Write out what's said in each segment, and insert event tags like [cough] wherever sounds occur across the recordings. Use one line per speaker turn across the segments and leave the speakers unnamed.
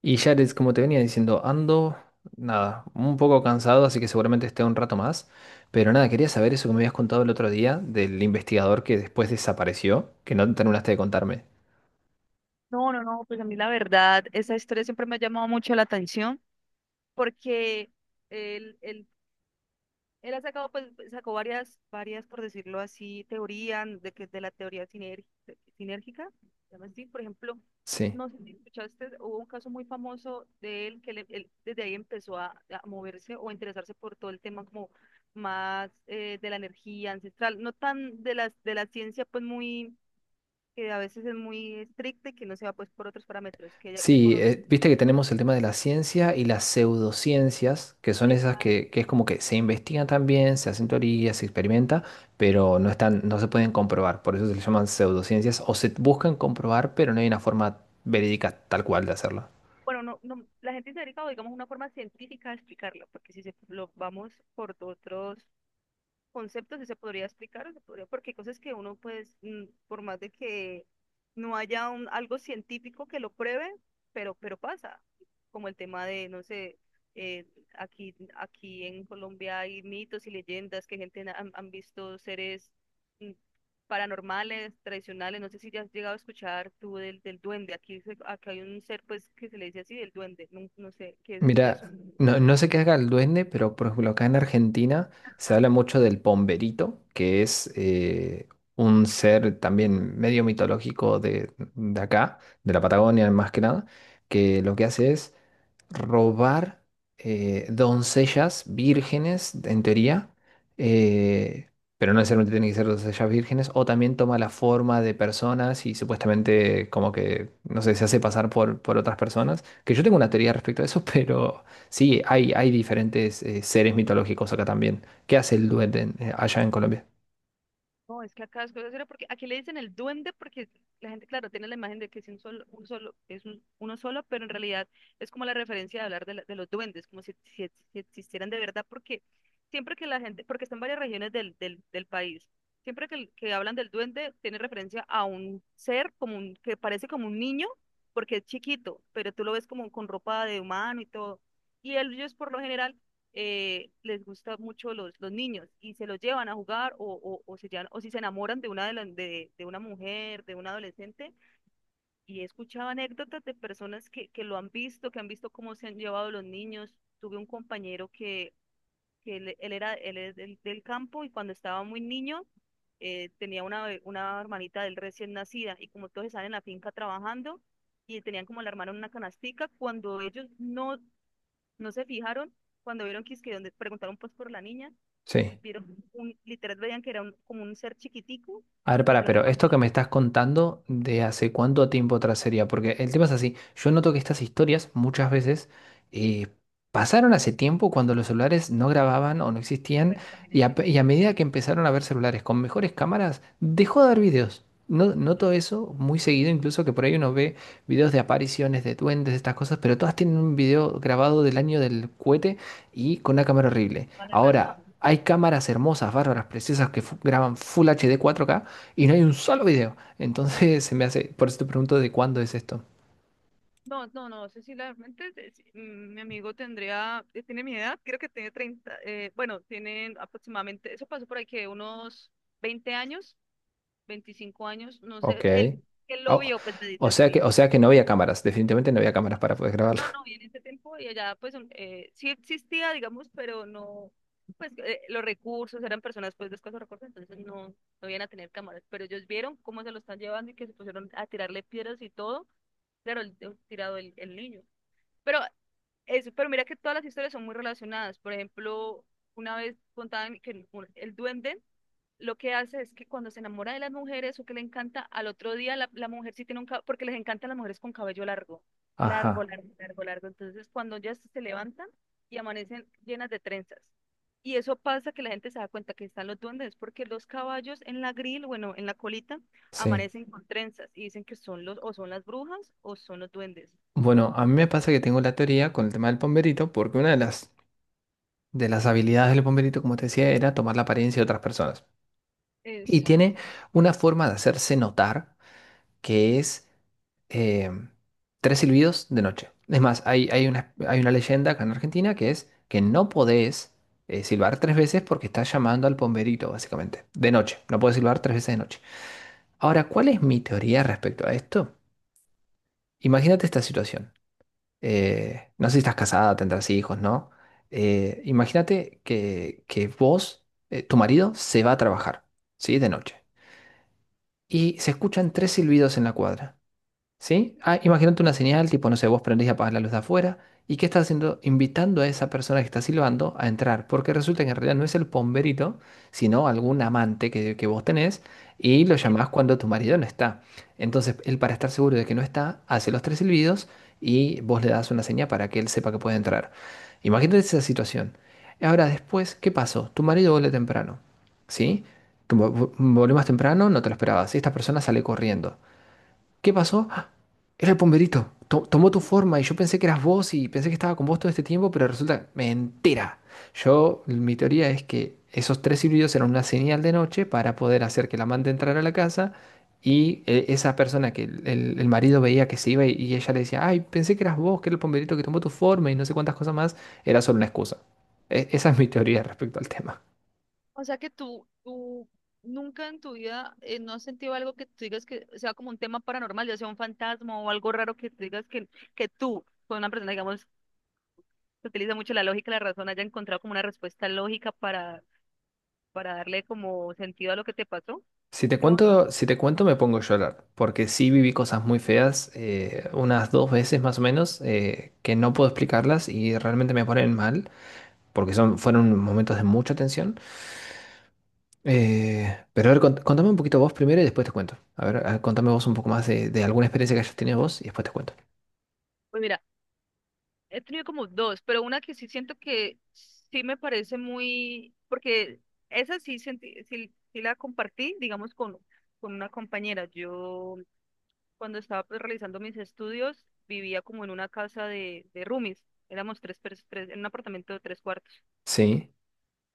Y Jared, como te venía diciendo, ando, nada, un poco cansado, así que seguramente esté un rato más. Pero nada, quería saber eso que me habías contado el otro día del investigador que después desapareció, que no terminaste de contarme.
No, no, no, pues a mí la verdad, esa historia siempre me ha llamado mucho la atención porque él, él, él ha sacado, pues, sacó varias, por decirlo así, teorías de que de la teoría sinérgica, se llama así, por ejemplo,
Sí.
no sé si escuchaste, hubo un caso muy famoso de él que le- él desde ahí empezó a moverse o a interesarse por todo el tema como más de la energía ancestral, no tan de las de la ciencia, pues muy que a veces es muy estricta y que no se va pues por otros parámetros, que él
Sí,
conoce.
viste que tenemos el tema de la ciencia y las pseudociencias, que son esas
esa-
que, que es como que se investigan también, se hacen teorías, se experimenta, pero no están, no se pueden comprobar. Por eso se le llaman pseudociencias o se buscan comprobar, pero no hay una forma verídica tal cual de hacerlo.
bueno, no, no, la gente se ha dedicado, digamos, una forma científica a explicarlo, porque si se, lo vamos por otros conceptos que se podría explicar, o se podría, porque hay cosas que uno, pues, por más de que no haya un, algo científico que lo pruebe, pero pasa, como el tema de, no sé, eh, aquí en Colombia hay mitos y leyendas que gente han visto seres mm, paranormales, tradicionales, no sé si ya has llegado a escuchar tú del duende, aquí, acá hay un ser, pues, que se le dice así, el duende, no, no sé, que
Mira,
asume.
no, no sé qué haga el duende, pero por ejemplo acá en Argentina se habla mucho del pomberito, que es un ser también medio mitológico de acá, de la Patagonia más que nada, que lo que hace es robar doncellas vírgenes, en teoría, eh, pero no necesariamente tienen que ser doncellas vírgenes, o también toma la forma de personas y supuestamente como que, no sé, se hace pasar por otras personas, que yo tengo una teoría respecto a eso, [laughs] pero sí, hay diferentes seres mitológicos acá también. ¿Qué hace el duende allá en Colombia?
No, es que acá es cosa seria porque aquí le dicen el duende porque la gente, claro, tiene la imagen de que es un solo, es un- uno solo, pero en realidad es como la referencia de hablar de, de los duendes, como si existieran de verdad, porque siempre que la gente, porque está en varias regiones del país, siempre que, que hablan del duende, tiene referencia a un ser como un, que parece como un niño, porque es chiquito, pero tú lo ves como con ropa de humano y todo. Y ellos por lo general les gusta mucho los niños y se los llevan a jugar o o si se enamoran de una, de de una mujer, de un adolescente. Y he escuchado anécdotas de personas que lo han visto, que han visto cómo se han llevado los niños. Tuve un compañero que él es del campo y cuando estaba muy niño tenía una, una hermanita del recién nacida y como todos están en la finca trabajando y tenían como la hermana en una canastica, cuando ellos no se fijaron cuando vieron que es que donde preguntaron pues por la niña,
Sí.
vieron un, literal veían que era como un ser chiquitico
A ver,
que se
para,
la
pero esto que me
cambió.
estás contando de hace cuánto tiempo atrás sería, porque el tema es así, yo noto que estas historias muchas veces eh, pasaron hace tiempo cuando los celulares no grababan o no existían
Bueno, también
y a,
entiendo.
y a medida que empezaron a haber celulares con mejores cámaras, dejó de haber videos. No, noto eso muy seguido, incluso que por ahí uno ve videos de apariciones, de duendes, de estas cosas, pero todas tienen un video grabado del año del cohete y con una cámara horrible.
Vale
Ahora,
razón.
hay cámaras hermosas, bárbaras, preciosas que graban Full HD 4K y no hay un solo video. Entonces se me hace, por eso te pregunto de cuándo es esto.
No, no, no, Cecilia, realmente sí, mi amigo tendría, tiene mi edad, creo que tiene 30 bueno, tienen aproximadamente, eso pasó por ahí que unos 20 años, 25 años, no
Ok.
sé, él lo
Ah,
vio, pues me dice, sí.
o sea que no había cámaras, definitivamente no había cámaras para poder grabarlo.
No, no,
[laughs]
y en ese tiempo y allá pues sí existía, digamos, pero no, pues los recursos eran personas pues de escasos recursos, entonces no, no iban a tener cámaras, pero ellos vieron cómo se lo están llevando y que se pusieron a tirarle piedras y todo, claro, tirado el niño. Pero eso, pero mira que todas las historias son muy relacionadas, por ejemplo, una vez contaban que el duende lo que hace es que cuando se enamora de las mujeres o que le encanta, al otro día la mujer sí tiene un cabello, porque les encantan las mujeres con cabello largo, largo,
Ajá,
largo, largo, largo. Entonces, cuando ya se levantan y amanecen llenas de trenzas. Y eso pasa que la gente se da cuenta que están los duendes, porque los caballos en la grill, bueno, en la colita,
sí.
amanecen con trenzas y dicen que son los, o son las brujas o son los duendes.
Bueno, a mí me pasa que tengo la teoría con el tema del pomberito, porque una de las habilidades del pomberito, como te decía, era tomar la apariencia de otras personas. Y tiene
Exacto.
una forma de hacerse notar que es eh, tres silbidos de noche. Es más, hay, hay una leyenda acá en Argentina que es que no podés silbar tres veces porque estás llamando al pomberito, básicamente, de noche. No podés silbar tres veces de noche. Ahora, ¿cuál es mi teoría respecto a esto? Imagínate esta situación. No sé si estás casada, tendrás hijos, ¿no? Imagínate que vos, tu marido, se va a trabajar, ¿sí? De noche. Y se escuchan tres silbidos en la cuadra. ¿Sí? Ah, imagínate una señal, tipo, no sé, vos prendés y apagás la luz de afuera. ¿Y qué estás haciendo? Invitando a esa persona que está silbando a entrar. Porque resulta que en realidad no es el pomberito, sino algún amante que vos tenés y lo llamás
[laughs]
cuando tu marido no está. Entonces, él para estar seguro de que no está, hace los tres silbidos y vos le das una señal para que él sepa que puede entrar. Imagínate esa situación. Ahora, después, ¿qué pasó? Tu marido vuelve temprano. ¿Sí? Tu- Volvió más temprano, no te lo esperabas. Esta persona sale corriendo. ¿Qué pasó? ¡Ah! Era el pomberito. Tomó tu forma y yo pensé que eras vos y pensé que estaba con vos todo este tiempo, pero resulta mentira. Yo, mi teoría es que esos tres silbidos eran una señal de noche para poder hacer que la amante entrara a la casa y esa persona que el marido veía que se iba y ella le decía, ay, pensé que eras vos, que era el pomberito que tomó tu forma y no sé cuántas cosas más, era solo una excusa. Esa es mi teoría respecto al tema.
O sea que tú nunca en tu vida no has sentido algo que tú digas que sea como un tema paranormal, ya sea un fantasma o algo raro que tú digas que tú, con una persona, digamos, que utiliza mucho la lógica la razón, haya encontrado como una respuesta lógica para darle como sentido a lo que te pasó.
Si te
¿Sí me hago entender?
cuento, si te cuento me pongo a llorar, porque sí viví cosas muy feas, unas dos veces más o menos, que no puedo explicarlas y realmente me ponen mal, porque son, fueron momentos de mucha tensión. Pero a ver, contame un poquito vos primero y después te cuento. A ver, contame vos un poco más de alguna experiencia que hayas tenido vos y después te cuento.
Pues mira, he tenido como dos, pero una que sí siento que sí me parece muy, porque esa sí, sí la compartí, digamos, con una compañera. Yo cuando estaba pues, realizando mis estudios, vivía como en una casa de roomies. Éramos tres, en un apartamento de tres cuartos.
Sí,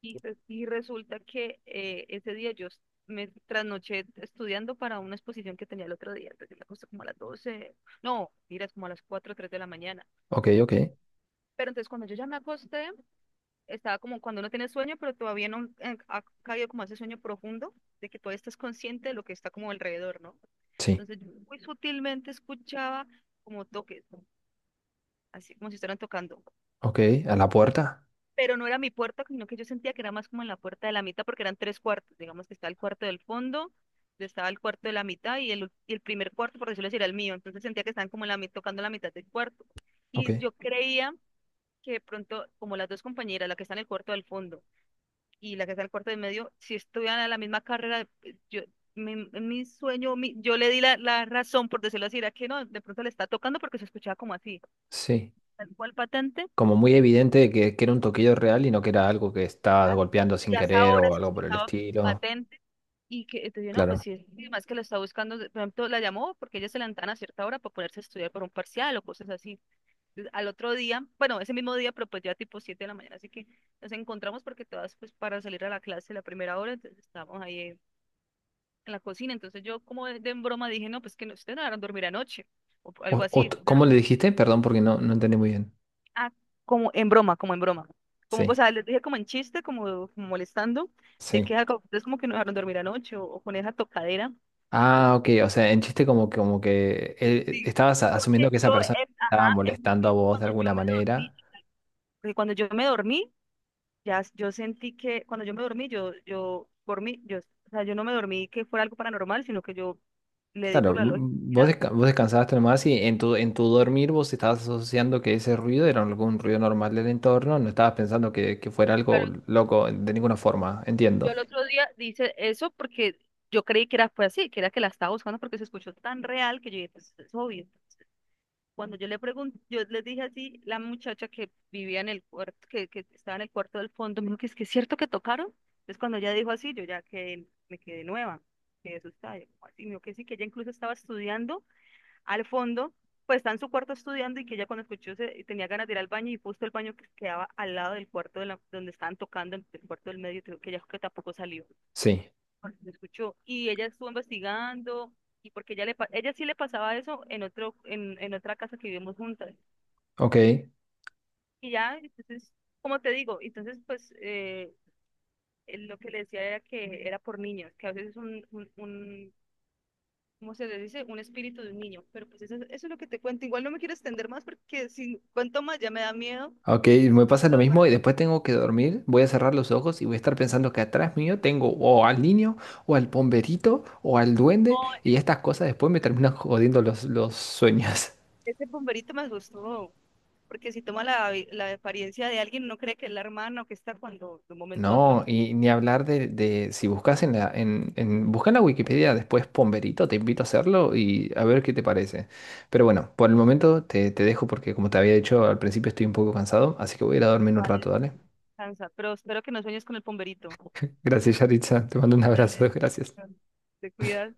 Y, y resulta que ese día me trasnoché estudiando para una exposición que tenía el otro día. Entonces me acosté como a las 12 no, miras como a las 4 o 3 de la mañana.
ok, ok,
Pero entonces cuando yo ya me acosté, estaba como cuando uno tiene sueño, pero todavía no ha caído como ese sueño profundo de que todavía estás consciente de lo que está como alrededor, ¿no?
sí,
Entonces yo muy sutilmente escuchaba como toques, así como si estuvieran tocando.
ok, a la puerta,
Pero no era mi puerta, sino que yo sentía que era más como en la puerta de la mitad, porque eran tres cuartos. Digamos que está el cuarto del fondo, yo estaba el cuarto de la mitad y el, y el primer cuarto, por decirlo así, era el mío. Entonces sentía que estaban como en la, tocando la mitad del cuarto.
ok,
Y yo creía que de pronto, como las dos compañeras, la que está en el cuarto del fondo y la que está en el cuarto del medio, si estuvieran a la misma carrera, yo, mi sueño, yo le di la razón, por decirlo así, era que no, de pronto le está tocando porque se escuchaba como así,
sí.
tal cual patente.
Como muy
De
evidente que era un toquillo real y no que era algo que estaba
ya
golpeando
Y
sin
hasta
querer
ahora
o
se
algo por el
estaba
estilo.
patente y que te dije, no, pues
Claro.
sí, es más que lo está buscando, por ejemplo, la llamó porque ella se levantaban a cierta hora para ponerse a estudiar por un parcial o cosas así. Entonces, al otro día, bueno, ese mismo día, pero pues ya tipo 7 de la mañana, así que nos encontramos porque todas pues para salir a la clase la primera hora, entonces estábamos ahí en la cocina, entonces yo como de en broma dije, no, pues que no, ustedes no van a dormir anoche o algo así.
¿Cómo le dijiste? Perdón, porque no, no entendí muy bien.
Ah, como en broma, como en broma. Como, o
Sí,
sea, les dije como en chiste, como, como molestando, de
sí.
que ah, es como que no dejaron dormir anoche o con esa tocadera.
Ah,
Entonces,
ok. O sea, en chiste como que
sí.
estabas
Porque
asumiendo que esa
yo,
persona estaba
ajá, en mi
molestando a
mente,
vos de
cuando yo
alguna
me
manera.
dormí, porque cuando yo me dormí, yo sentí que, cuando yo me dormí, por mí yo, o sea, yo no me dormí que fuera algo paranormal, sino que yo le di por
Claro,
la lógica.
vos, vos descansabas nomás y en tu dormir vos estabas asociando que ese ruido era algún ruido normal del entorno, no estabas pensando que fuera
Yo
algo
al
loco de ninguna forma,
yo
entiendo.
al otro día dice eso porque yo creí que era, fue así, que era que la estaba buscando porque se escuchó tan real que yo dije, pues es obvio. Cuando yo le pregunté, yo les dije así, la muchacha que vivía en el cuarto, que estaba en el cuarto del fondo, me dijo que es cierto que tocaron. Entonces cuando ella dijo así, yo ya que me quedé nueva, quedé asustada. Yo, "¿Cómo así?". Me dijo que sí, que ella incluso estaba estudiando al fondo, pues está en su cuarto estudiando y que ella cuando escuchó se, tenía ganas de ir al baño y justo el baño que quedaba al lado del cuarto de la, donde estaban tocando, el cuarto del medio, creo que ella dijo que tampoco salió,
Sí,
porque se escuchó. Y ella estuvo investigando y porque ella sí le pasaba eso en otro en otra casa que vivimos juntas
ok.
y ya, entonces, como te digo, entonces, pues, él lo que le decía era que era por niños, que a veces es ¿cómo se le dice? Un espíritu de un niño. Pero pues eso es lo que te cuento. Igual no me quiero extender más porque si cuento más ya me da miedo.
Ok, me pasa
A
lo
ver, pero,
mismo y después tengo que dormir. Voy a cerrar los ojos y voy a estar pensando que atrás mío tengo o al niño, o al pomberito, o al duende,
oh,
y estas cosas después me terminan [laughs] jodiendo los sueños. [laughs]
ese bomberito me asustó. Porque si toma la, la apariencia de alguien, uno cree que es la hermana o que está cuando de un momento a otro
No, y ni hablar de si buscas en la, en, busca en la Wikipedia después pomberito, te invito a hacerlo y a ver qué te parece. Pero bueno, por el momento te, te dejo porque como te había dicho al principio estoy un poco cansado, así que voy a ir a dormir un rato,
parece.
¿vale?
Cansa. Pero espero que no sueñes con el bomberito.
Gracias, Yaritza. Te mando un abrazo, [laughs]
Dale.
gracias.
Te cuidas.